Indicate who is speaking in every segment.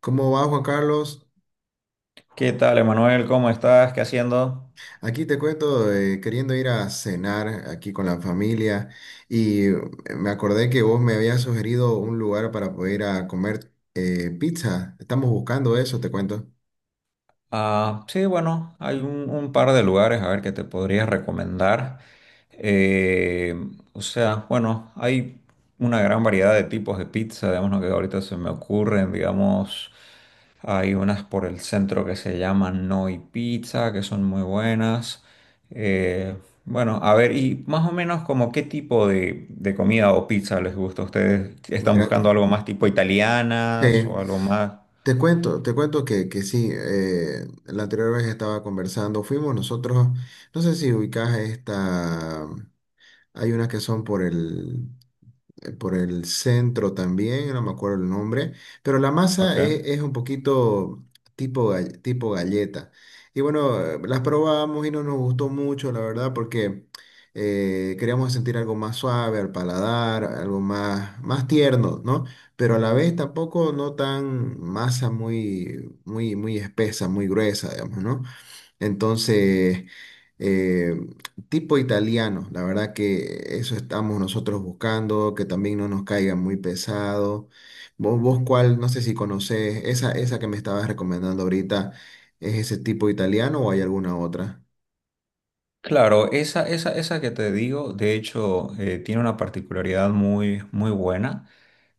Speaker 1: ¿Cómo va Juan Carlos?
Speaker 2: ¿Qué tal, Emanuel? ¿Cómo estás? ¿Qué haciendo?
Speaker 1: Aquí te cuento, queriendo ir a cenar aquí con la familia y me acordé que vos me habías sugerido un lugar para poder ir a comer pizza. Estamos buscando eso, te cuento.
Speaker 2: Ah, sí, bueno, hay un par de lugares a ver que te podría recomendar. Eh, o sea, bueno, hay una gran variedad de tipos de pizza, digamos, lo que ahorita se me ocurren, digamos, hay unas por el centro que se llaman Noi Pizza, que son muy buenas. Eh, bueno, a ver, y más o menos como qué tipo de comida o pizza les gusta a ustedes. ¿Están
Speaker 1: Mira,
Speaker 2: buscando
Speaker 1: te-
Speaker 2: algo más tipo italianas
Speaker 1: Sí,
Speaker 2: o algo más?
Speaker 1: te cuento que, sí, la anterior vez estaba conversando, fuimos nosotros, no sé si ubicás esta, hay unas que son por el centro también, no me acuerdo el nombre, pero la
Speaker 2: Ok.
Speaker 1: masa es un poquito tipo galleta. Y bueno, las probamos y no nos gustó mucho, la verdad, porque queríamos sentir algo más suave al paladar, algo más, más tierno, ¿no? Pero a la vez tampoco no tan masa muy espesa, muy gruesa, digamos, ¿no? Entonces, eh, tipo italiano, la verdad que eso estamos nosotros buscando, que también no nos caiga muy pesado. Vos cuál, no sé si conocés, esa que me estabas recomendando ahorita, ¿es ese tipo italiano o hay alguna otra?
Speaker 2: Claro, esa que te digo, de hecho, tiene una particularidad muy, muy buena.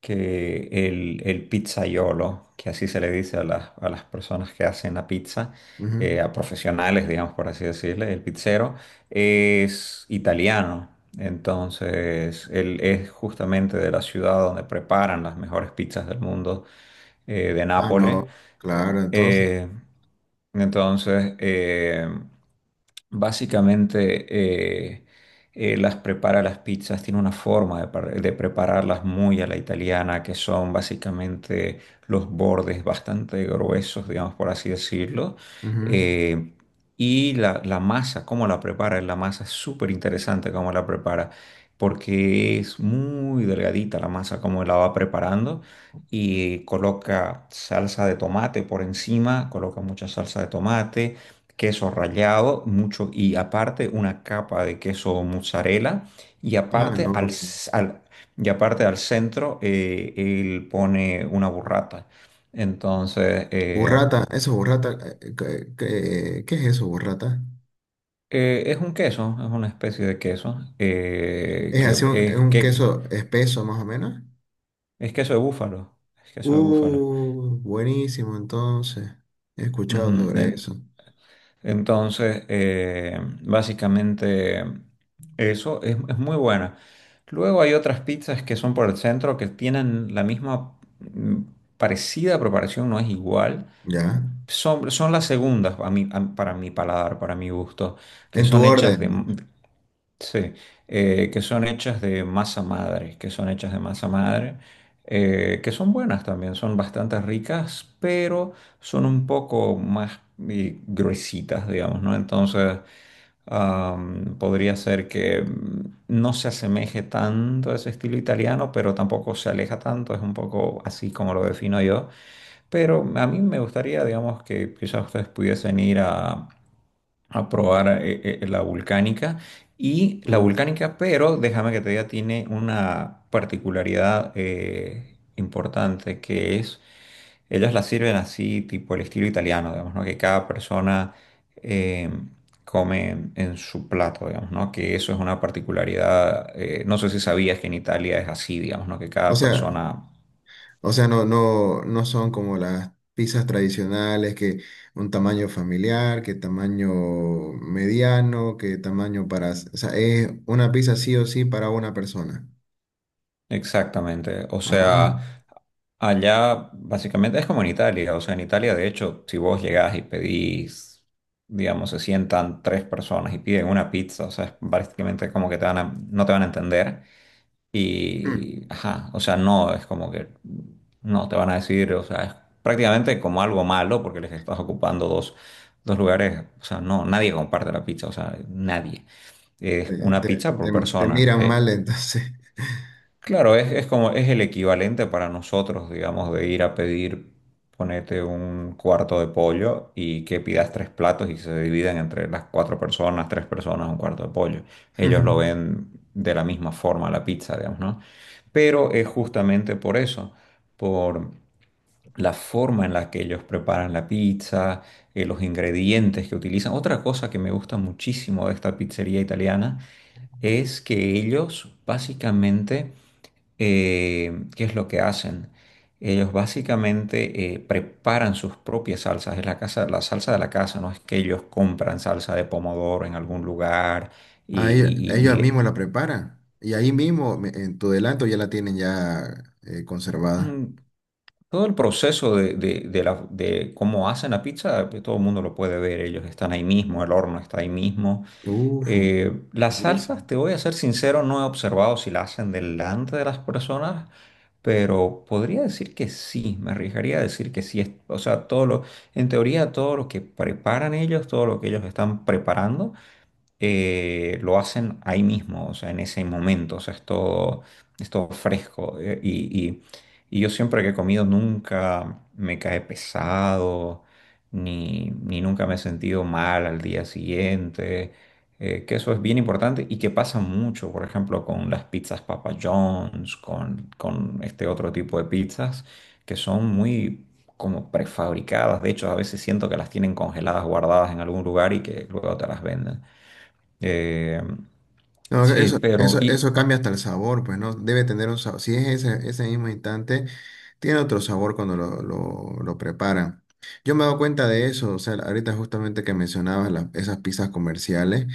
Speaker 2: Que el pizzaiolo, que así se le dice a las personas que hacen la pizza,
Speaker 1: Ujú.
Speaker 2: a profesionales, digamos, por así decirle, el pizzero, es italiano. Entonces, él es justamente de la ciudad donde preparan las mejores pizzas del mundo, de
Speaker 1: Ah,
Speaker 2: Nápoles.
Speaker 1: no,
Speaker 2: Eh,
Speaker 1: claro, entonces.
Speaker 2: eh, entonces, básicamente... las prepara las pizzas, tiene una forma de, de prepararlas muy a la italiana, que son básicamente los bordes bastante gruesos, digamos por así decirlo.
Speaker 1: Ujú.
Speaker 2: Eh, y la masa, cómo la prepara, la masa es súper interesante cómo la prepara, porque es muy delgadita la masa, cómo la va preparando. Y coloca salsa de tomate por encima, coloca mucha salsa de tomate, queso rallado, mucho, y aparte una capa de queso mozzarella, y
Speaker 1: Ah,
Speaker 2: aparte al,
Speaker 1: no.
Speaker 2: s- al- y aparte al centro, él pone una burrata. Entonces,
Speaker 1: Burrata, eso es burrata. ¿Qué, qué es eso, burrata?
Speaker 2: es un queso, es una especie de queso,
Speaker 1: Es así un, es un
Speaker 2: que
Speaker 1: queso espeso más o menos.
Speaker 2: es queso de búfalo, es queso de búfalo.
Speaker 1: Buenísimo, entonces. He escuchado
Speaker 2: Ujú,
Speaker 1: sobre
Speaker 2: en-
Speaker 1: eso.
Speaker 2: Entonces, básicamente eso es muy buena. Luego hay otras pizzas que son por el centro que tienen la misma parecida preparación, no es igual.
Speaker 1: ¿Ya?
Speaker 2: Son, son las segundas a para mi paladar, para mi gusto, que
Speaker 1: En tu
Speaker 2: son hechas
Speaker 1: orden.
Speaker 2: de, sí, que son hechas de masa madre, que son buenas también, son bastante ricas, pero son un poco más gruesitas, digamos, ¿no? Entonces, podría ser que no se asemeje tanto a ese estilo italiano, pero tampoco se aleja tanto, es un poco así como lo defino yo. Pero a mí me gustaría, digamos, que quizás ustedes pudiesen ir a probar la volcánica. Y la
Speaker 1: Uh,
Speaker 2: volcánica, pero déjame que te diga, tiene una particularidad importante que es, ellas la sirven así, tipo el estilo italiano, digamos, ¿no? Que cada persona eh, come en su plato, digamos, ¿no? Que eso es una particularidad, no sé si sabías que en Italia es así, digamos, ¿no? Que
Speaker 1: O
Speaker 2: cada
Speaker 1: sea,
Speaker 2: persona,
Speaker 1: no son como las pizzas tradicionales, que un tamaño familiar, que tamaño mediano, que tamaño para... O sea, es una pizza sí o sí para una persona.
Speaker 2: exactamente, o
Speaker 1: Ah.
Speaker 2: sea... Allá básicamente es como en Italia, o sea, en Italia de hecho, si vos llegás y pedís, digamos, se sientan tres personas y piden una pizza, o sea, es básicamente como que te no te van a entender y,
Speaker 1: Hmm.
Speaker 2: ajá, o sea, no, es como que no te van a decir, o sea, es prácticamente como algo malo porque les estás ocupando dos, dos lugares, o sea, no, nadie comparte la pizza, o sea, nadie. Es
Speaker 1: Te,
Speaker 2: una
Speaker 1: te-
Speaker 2: pizza por
Speaker 1: Te
Speaker 2: persona.
Speaker 1: miran mal entonces.
Speaker 2: Claro, es como es el equivalente para nosotros, digamos, de ir a pedir, ponete un cuarto de pollo y que pidas tres platos y se dividan entre las cuatro personas, tres personas, un cuarto de pollo. Ellos lo ven de la misma forma la pizza, digamos, ¿no? Pero es justamente por eso, por la forma en la que ellos preparan la pizza, los ingredientes que utilizan. Otra cosa que me gusta muchísimo de esta pizzería italiana es que ellos básicamente, ¿qué es lo que hacen? Ellos básicamente preparan sus propias salsas, es la casa, la salsa de la casa, no es que ellos compran salsa de pomodoro en algún lugar y, y-
Speaker 1: Ah,
Speaker 2: y- y
Speaker 1: ellos
Speaker 2: le...
Speaker 1: mismos la preparan. Y ahí mismo, en tu delanto, ya la tienen ya conservada.
Speaker 2: Mm, todo el proceso de, de cómo hacen la pizza, pues, todo el mundo lo puede ver, ellos están ahí mismo, el horno está ahí mismo.
Speaker 1: Uf,
Speaker 2: Las
Speaker 1: buenísimo.
Speaker 2: salsas, te voy a ser sincero, no he observado si la hacen delante de las personas, pero podría decir que sí, me arriesgaría a decir que sí. O sea, todo lo, en teoría, todo lo que preparan ellos, todo lo que ellos están preparando lo hacen ahí mismo, o sea, en ese momento, o sea, es todo fresco. Y yo siempre que he comido nunca me cae pesado, ni nunca me he sentido mal al día siguiente, que eso es bien importante y que pasa mucho, por ejemplo, con las pizzas Papa John's, con este otro tipo de pizzas que son muy... como prefabricadas, de hecho a veces siento que las tienen congeladas, guardadas en algún lugar y que luego te las venden. Eh,
Speaker 1: No,
Speaker 2: sí,
Speaker 1: eso,
Speaker 2: pero
Speaker 1: eso,
Speaker 2: y
Speaker 1: eso cambia hasta el sabor, pues no debe tener un sabor. Si es ese, ese mismo instante, tiene otro sabor cuando lo preparan. Yo me he dado cuenta de eso, o sea, ahorita justamente que mencionabas esas pizzas comerciales,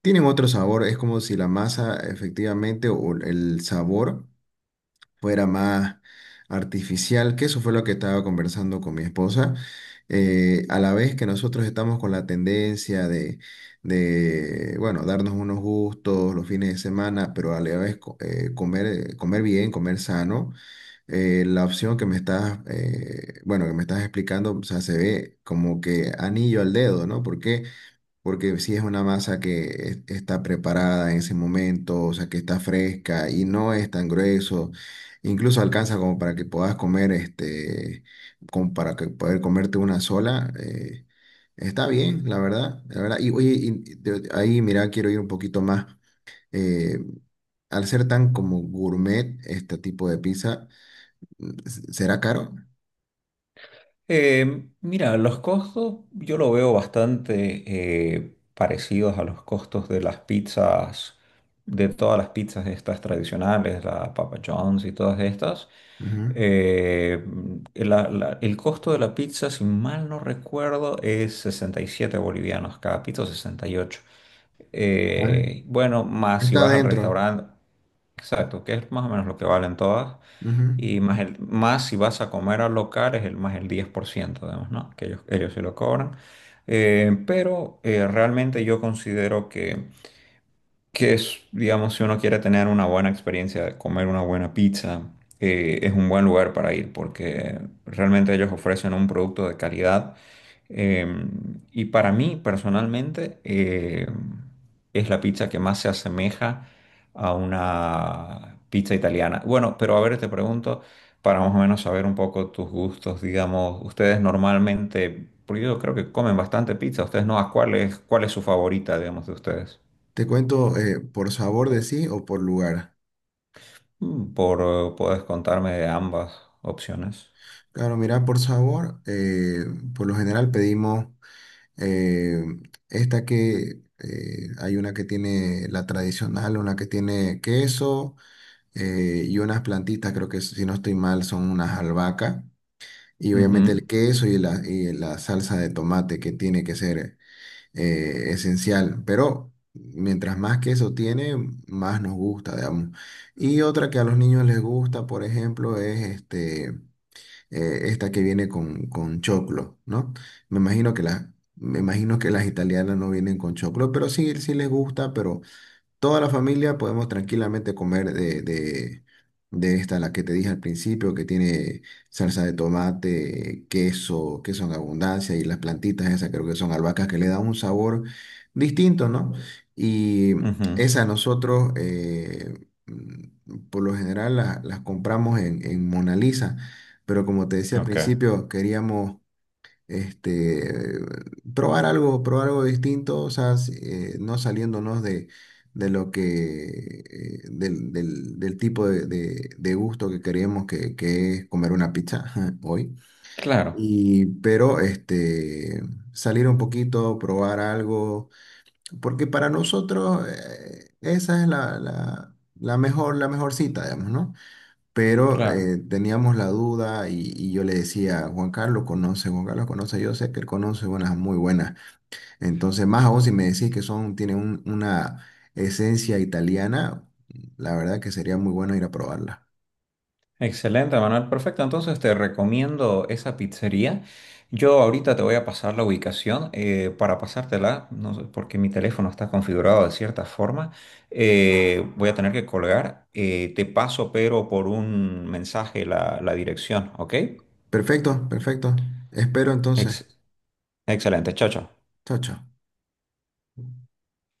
Speaker 1: tienen otro sabor, es como si la masa efectivamente o el sabor fuera más artificial, que eso fue lo que estaba conversando con mi esposa. A la vez que nosotros estamos con la tendencia bueno, darnos unos gustos los fines de semana, pero a la vez comer, comer bien, comer sano, la opción que me estás, bueno, que me estás explicando, o sea, se ve como que anillo al dedo, ¿no? Porque si es una masa que está preparada en ese momento, o sea, que está fresca y no es tan grueso, incluso alcanza como para que puedas comer, este, como para que poder comerte una sola, está bien, la verdad. Y oye, y ahí mira, quiero ir un poquito más. eh, Al ser tan como gourmet este tipo de pizza, ¿será caro?
Speaker 2: mira, los costos yo lo veo bastante parecidos a los costos de las pizzas, de todas las pizzas estas tradicionales, la Papa John's y todas estas.
Speaker 1: Ujú.
Speaker 2: Eh, el costo de la pizza, si mal no recuerdo, es 67 bolivianos cada pizza, o 68.
Speaker 1: Ah,
Speaker 2: Bueno, más si
Speaker 1: está
Speaker 2: vas al
Speaker 1: adentro.
Speaker 2: restaurante. Exacto, que es más o menos lo que valen todas.
Speaker 1: Ujú.
Speaker 2: Y más, más si vas a comer al local es el más el 10%, además, ¿no? Que ellos se lo cobran. Realmente yo considero que es, digamos, si uno quiere tener una buena experiencia de comer una buena pizza, es un buen lugar para ir porque realmente ellos ofrecen un producto de calidad. Eh, y para mí, personalmente, es la pizza que más se asemeja a una pizza italiana. Bueno, pero a ver, te pregunto, para más o menos saber un poco tus gustos, digamos, ustedes normalmente, porque yo creo que comen bastante pizza, ustedes no, ¿a cuál es su favorita, digamos, de ustedes?
Speaker 1: Te cuento por sabor de sí o por lugar.
Speaker 2: Por, puedes contarme de ambas opciones.
Speaker 1: Claro, mira, por sabor, por lo general pedimos eh, esta que hay una que tiene la tradicional, una que tiene queso y unas plantitas, creo que si no estoy mal son unas albahacas y obviamente el
Speaker 2: Ujú,
Speaker 1: queso y la salsa de tomate que tiene que ser esencial, pero mientras más queso tiene, más nos gusta, digamos. Y otra que a los niños les gusta, por ejemplo, es este esta que viene con choclo, ¿no? Me imagino que las, Me imagino que las italianas no vienen con choclo, pero sí, sí les gusta, pero toda la familia podemos tranquilamente comer de esta, la que te dije al principio, que tiene salsa de tomate, queso, queso en abundancia y las plantitas esas creo que son albahacas que le dan un sabor distinto, ¿no? Y
Speaker 2: ujú,
Speaker 1: esa nosotros, por lo general, las compramos en Mona Lisa, pero como te decía al
Speaker 2: ok.
Speaker 1: principio, queríamos este, probar algo distinto, o sea, no saliéndonos de lo que, del tipo de, de gusto que queremos que es comer una pizza hoy.
Speaker 2: Claro,
Speaker 1: Y, pero este, salir un poquito, probar algo, porque para nosotros esa es la mejor cita, digamos, ¿no? Pero
Speaker 2: claro.
Speaker 1: teníamos la duda y yo le decía, Juan Carlos conoce, yo sé que él conoce unas muy buenas. Entonces, más aún si me decís que son, tienen una esencia italiana, la verdad que sería muy bueno ir a probarla.
Speaker 2: Excelente, Manuel. Perfecto. Entonces te recomiendo esa pizzería. Yo ahorita te voy a pasar la ubicación para pasártela, no sé, porque mi teléfono está configurado de cierta forma. Voy a tener que colgar. Te paso, pero por un mensaje la, la dirección, ¿ok?
Speaker 1: Perfecto, perfecto. Espero entonces.
Speaker 2: Ex- Excelente. Chao, chao.
Speaker 1: Chao, chao.